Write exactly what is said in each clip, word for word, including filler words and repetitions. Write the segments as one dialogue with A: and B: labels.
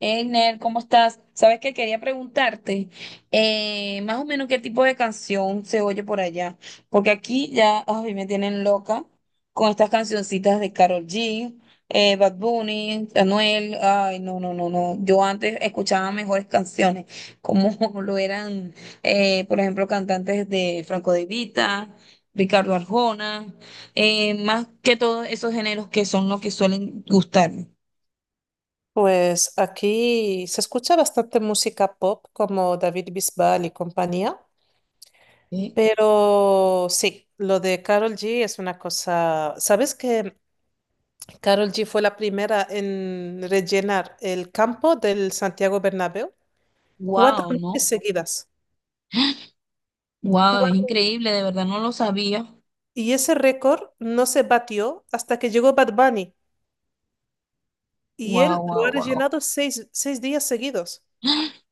A: Einer, ¿cómo estás? Sabes que quería preguntarte eh, más o menos qué tipo de canción se oye por allá, porque aquí ya ay, me tienen loca con estas cancioncitas de Karol G, eh, Bad Bunny, Anuel. Ay, no, no, no, no. Yo antes escuchaba mejores canciones, como lo eran, eh, por ejemplo, cantantes de Franco De Vita, Ricardo Arjona, eh, más que todos esos géneros que son los que suelen gustarme.
B: Pues aquí se escucha bastante música pop como David Bisbal y compañía, pero sí, lo de Karol G es una cosa. ¿Sabes que Karol G fue la primera en rellenar el campo del Santiago Bernabéu? Cuatro
A: Wow, ¿no?
B: noches seguidas.
A: Wow, es
B: Cua-
A: increíble, de verdad no lo sabía.
B: Y ese récord no se batió hasta que llegó Bad Bunny y
A: Wow,
B: él lo
A: wow,
B: ha
A: wow.
B: rellenado seis, seis días seguidos.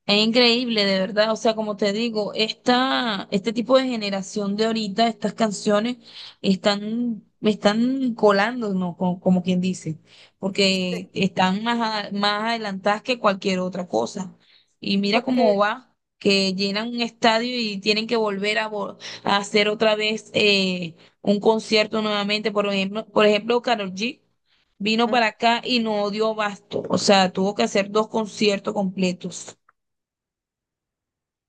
A: Es increíble, de verdad. O sea, como te digo, esta, este tipo de generación de ahorita, estas canciones están, están colándonos, como, como quien dice, porque
B: Sí,
A: están más, a- más adelantadas que cualquier otra cosa. Y mira cómo
B: porque...
A: va, que llenan un estadio y tienen que volver a, vol- a hacer otra vez eh, un concierto nuevamente. Por ejemplo, por ejemplo, Karol G vino
B: Ujú.
A: para acá y no dio basto. O sea, tuvo que hacer dos conciertos completos.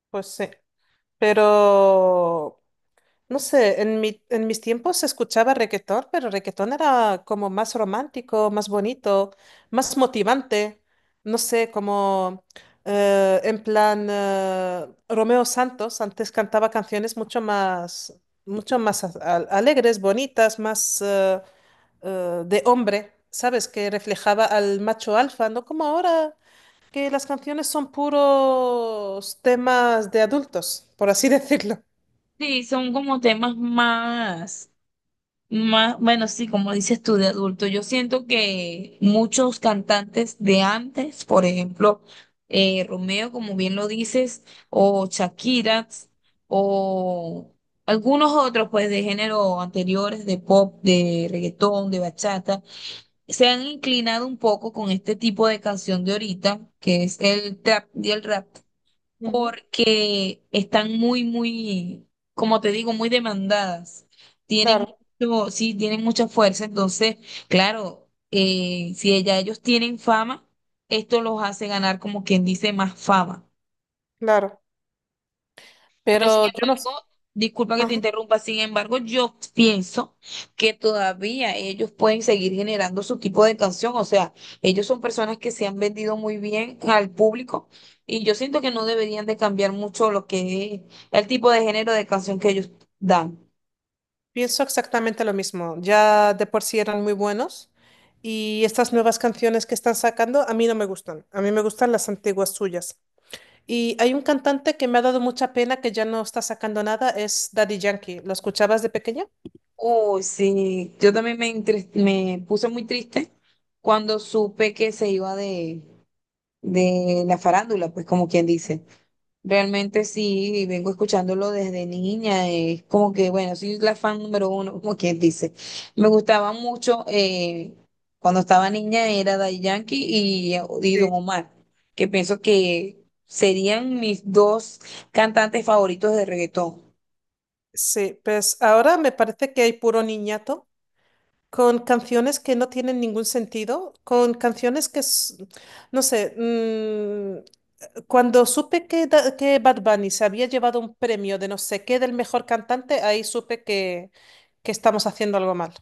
B: Pues sí, pero. No sé, en mi, en mis tiempos se escuchaba reggaetón, pero reggaetón era como más romántico, más bonito, más motivante. No sé, como eh, en plan eh, Romeo Santos antes cantaba canciones mucho más, mucho más a- a- alegres, bonitas, más eh, eh, de hombre, ¿sabes? Que reflejaba al macho alfa, no como ahora que las canciones son puros temas de adultos, por así decirlo.
A: Sí, son como temas más, más, bueno, sí, como dices tú, de adulto. Yo siento que muchos cantantes de antes, por ejemplo, eh, Romeo, como bien lo dices, o Shakira, o algunos otros, pues, de género anteriores, de pop, de reggaetón, de bachata, se han inclinado un poco con este tipo de canción de ahorita, que es el trap y el rap
B: Ujú.
A: porque están muy, muy, como te digo, muy demandadas. Tienen
B: Claro,
A: mucho, sí, tienen mucha fuerza. Entonces, claro, eh, si ya ellos tienen fama, esto los hace ganar, como quien dice, más fama.
B: claro.
A: Pero sin
B: Pero yo no s-
A: embargo, disculpa que te
B: Ajá,
A: interrumpa, sin embargo, yo pienso que todavía ellos pueden seguir generando su tipo de canción. O sea, ellos son personas que se han vendido muy bien al público y yo siento que no deberían de cambiar mucho lo que es el tipo de género de canción que ellos dan.
B: pienso exactamente lo mismo. Ya de por sí eran muy buenos y estas nuevas canciones que están sacando a mí no me gustan. A mí me gustan las antiguas suyas. Y hay un cantante que me ha dado mucha pena que ya no está sacando nada, es Daddy Yankee. ¿Lo escuchabas de pequeña?
A: Uy, sí, yo también me, entres- me puse muy triste cuando supe que se iba de, de la farándula, pues como quien dice. Realmente sí, y vengo escuchándolo desde niña, es como que, bueno, soy la fan número uno, como quien dice. Me gustaba mucho, eh, cuando estaba niña era Daddy Yankee y, y Don
B: Sí.
A: Omar, que pienso que serían mis dos cantantes favoritos de reggaetón.
B: Sí, pues ahora me parece que hay puro niñato con canciones que no tienen ningún sentido, con canciones que, s- no sé, mm, cuando supe que, Da- que Bad Bunny se había llevado un premio de no sé qué del mejor cantante, ahí supe que, que estamos haciendo algo mal.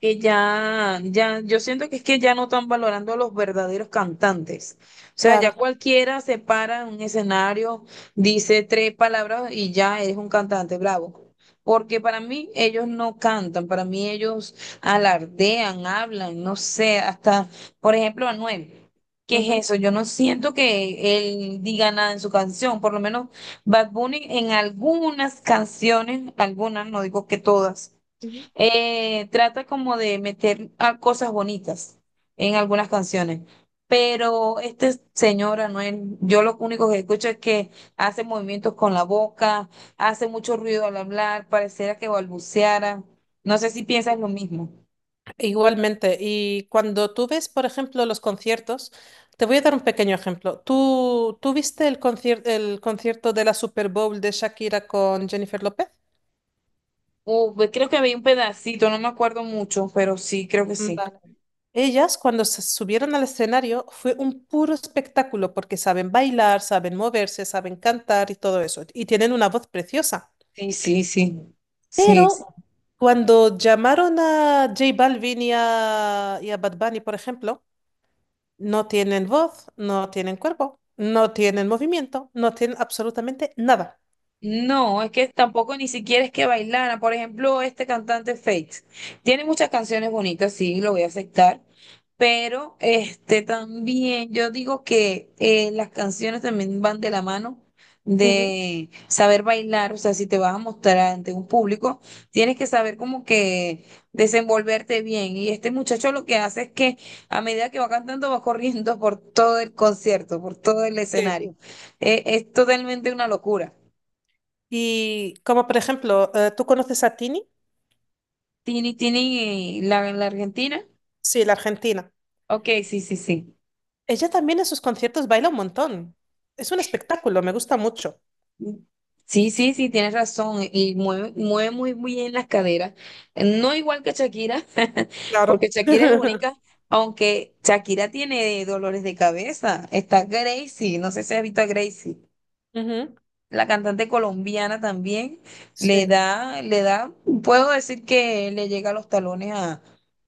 A: que ya, ya, yo siento que es que ya no están valorando a los verdaderos cantantes. O sea,
B: Claro.
A: ya cualquiera se para en un escenario, dice tres palabras y ya es un cantante bravo. Porque para mí ellos no cantan, para mí ellos alardean, hablan, no sé, hasta, por ejemplo, Anuel. ¿Qué es
B: Ujú,
A: eso? Yo no siento que él diga nada en su canción, por lo menos Bad Bunny en algunas canciones, algunas, no digo que todas
B: ujú.
A: eh, trata como de meter a cosas bonitas en algunas canciones. Pero este señor Anuel, yo lo único que escucho es que hace movimientos con la boca, hace mucho ruido al hablar, pareciera que balbuceara. No sé si piensas lo mismo.
B: Igualmente, y cuando tú ves, por ejemplo, los conciertos, te voy a dar un pequeño ejemplo. ¿Tú, tú viste el concier- el concierto de la Super Bowl de Shakira con Jennifer López?
A: Uh, pues creo que había un pedacito, no me acuerdo mucho, pero sí, creo que sí.
B: Vale. Ellas, cuando se subieron al escenario, fue un puro espectáculo porque saben bailar, saben moverse, saben cantar y todo eso, y tienen una voz preciosa.
A: Sí, sí, sí. Sí, sí.
B: Pero cuando llamaron a J Balvin y a, y a Bad Bunny, por ejemplo, no tienen voz, no tienen cuerpo, no tienen movimiento, no tienen absolutamente nada.
A: No, es que tampoco ni siquiera es que bailara. Por ejemplo, este cantante Fakes tiene muchas canciones bonitas, sí, lo voy a aceptar. Pero este también yo digo que eh, las canciones también van de la mano
B: Ujú.
A: de saber bailar, o sea, si te vas a mostrar ante un público, tienes que saber como que desenvolverte bien. Y este muchacho lo que hace es que a medida que va cantando va corriendo por todo el concierto, por todo el
B: Sí.
A: escenario. Eh, es totalmente una locura.
B: Y como por ejemplo, eh, ¿tú conoces a Tini?
A: Tini, Tini, eh, la, la Argentina.
B: Sí, la argentina.
A: Ok, sí, sí, sí.
B: Ella también en sus conciertos baila un montón. Es un espectáculo, me gusta mucho.
A: Sí, sí, sí, tienes razón. Y mueve, mueve muy bien las caderas. No igual que Shakira, porque
B: Claro.
A: Shakira es única, aunque Shakira tiene dolores de cabeza. Está Gracie, no sé si has visto a Gracie,
B: Ujú.
A: la cantante colombiana también, le
B: Sí.
A: da, le da, puedo decir que le llega a los talones a,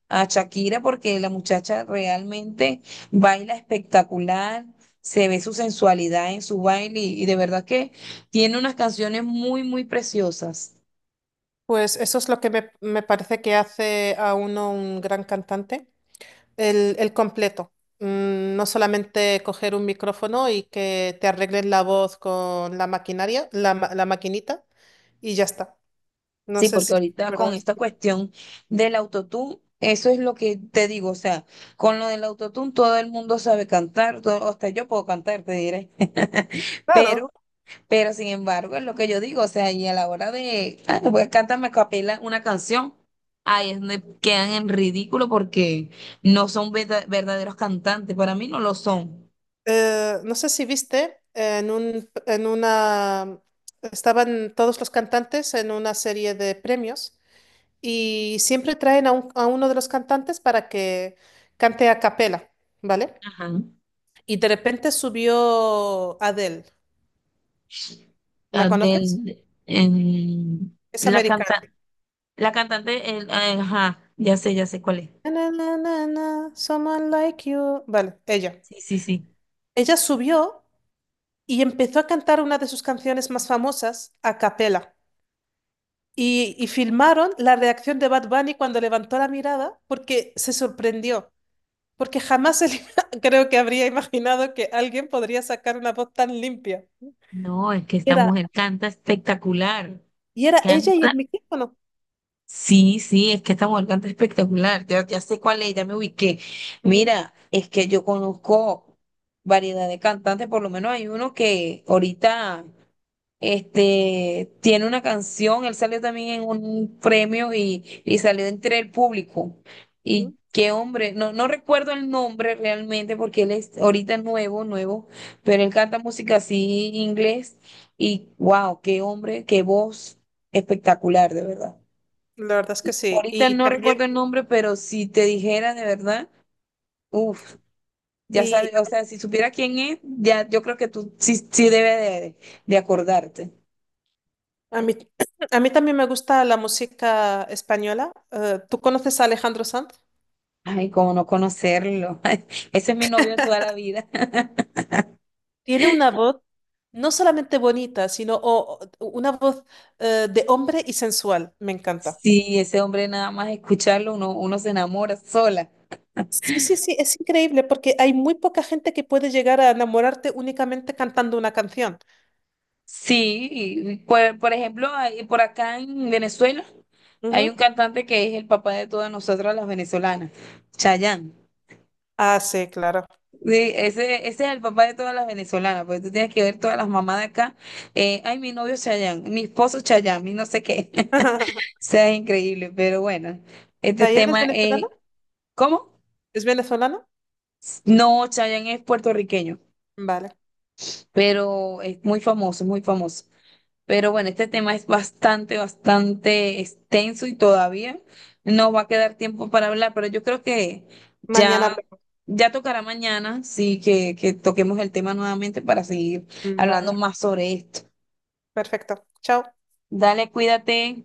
A: a Shakira porque la muchacha realmente baila espectacular, se ve su sensualidad en su baile y, y de verdad que tiene unas canciones muy, muy preciosas.
B: Pues eso es lo que me, me parece que hace a uno un gran cantante. El, el completo. Mm, No solamente coger un micrófono y que te arreglen la voz con la maquinaria, la, ma- la maquinita, y ya está. No
A: Sí,
B: sé
A: porque
B: si te
A: ahorita con
B: acuerdas.
A: esta cuestión del autotune, eso es lo que te digo, o sea, con lo del autotune todo el mundo sabe cantar, todo- hasta yo puedo cantar, te diré.
B: Claro,
A: Pero Pero sin embargo, es lo que yo digo, o sea, y a la hora de, ah, voy a cantarme a capela una canción, ahí es donde quedan en ridículo porque no son verda- verdaderos cantantes, para mí no lo son.
B: eh, no sé si viste en un, en una, estaban todos los cantantes en una serie de premios y siempre traen a, un- a uno de los cantantes para que cante a capela, ¿vale?
A: Ajá.
B: Y de repente subió Adele. ¿La
A: Ah,
B: conoces?
A: del en-
B: Es
A: la canta,
B: americana.
A: la cantante, el- ah, ajá, ya sé, ya sé cuál es.
B: Na, na, na, na, na, someone like you. Vale, ella.
A: Sí, sí, sí.
B: Ella subió y empezó a cantar una de sus canciones más famosas a capela. Y, y filmaron la reacción de Bad Bunny cuando levantó la mirada porque se sorprendió, porque jamás él creo que habría imaginado que alguien podría sacar una voz tan limpia.
A: No, es que
B: Y
A: esta
B: era,
A: mujer canta espectacular.
B: y era ella y el
A: Canta
B: micrófono.
A: sí, sí, es que esta mujer canta espectacular, ya, ya sé cuál es, ya me ubiqué.
B: Ujú,
A: Mira, es que yo conozco variedad de cantantes, por lo menos hay uno que ahorita este, tiene una canción, él salió también en un premio y, y salió entre el público. Y
B: ujú.
A: qué hombre, no, no recuerdo el nombre realmente porque él es ahorita nuevo, nuevo, pero él canta música así inglés y wow, qué hombre, qué voz espectacular, de verdad.
B: La verdad es que sí.
A: Ahorita
B: Y
A: no
B: también,
A: recuerdo el nombre, pero si te dijera de verdad, uff, ya
B: y
A: sabes, o sea, si supiera quién es, ya yo creo que tú sí, sí debes de, de acordarte.
B: a mí, a mí también me gusta la música española. Eh, ¿tú conoces a Alejandro Sanz?
A: Ay, cómo no conocerlo. Ese es mi novio toda la vida.
B: Tiene una voz no solamente bonita, sino o- o- una voz eh, de hombre y sensual. Me encanta.
A: Sí, ese hombre nada más escucharlo, uno, uno se enamora sola.
B: Sí, sí, sí, es increíble porque hay muy poca gente que puede llegar a enamorarte únicamente cantando una canción.
A: Sí, y por, por ejemplo, ahí- por acá en Venezuela hay un
B: Ujú.
A: cantante que es el papá de todas nosotras las venezolanas, Chayanne.
B: Ah, sí, claro.
A: Sí, ese, ese es el papá de todas las venezolanas, porque tú tienes que ver todas las mamás de acá. eh, ay, mi novio Chayán, mi esposo Chayán, mi no sé qué. O sea, es increíble, pero bueno, este
B: ¿Diana es
A: tema es...
B: venezolana?
A: ¿Cómo?
B: ¿Es venezolana?
A: No, Chayán es puertorriqueño,
B: Vale.
A: pero es muy famoso, muy famoso. Pero bueno, este tema es bastante, bastante extenso y todavía no va a quedar tiempo para hablar, pero yo creo que
B: Mañana
A: ya,
B: hablamos.
A: ya tocará mañana, sí, que, que toquemos el tema nuevamente para seguir
B: Mm, Vale,
A: hablando más sobre esto.
B: perfecto. Chao.
A: Dale, cuídate.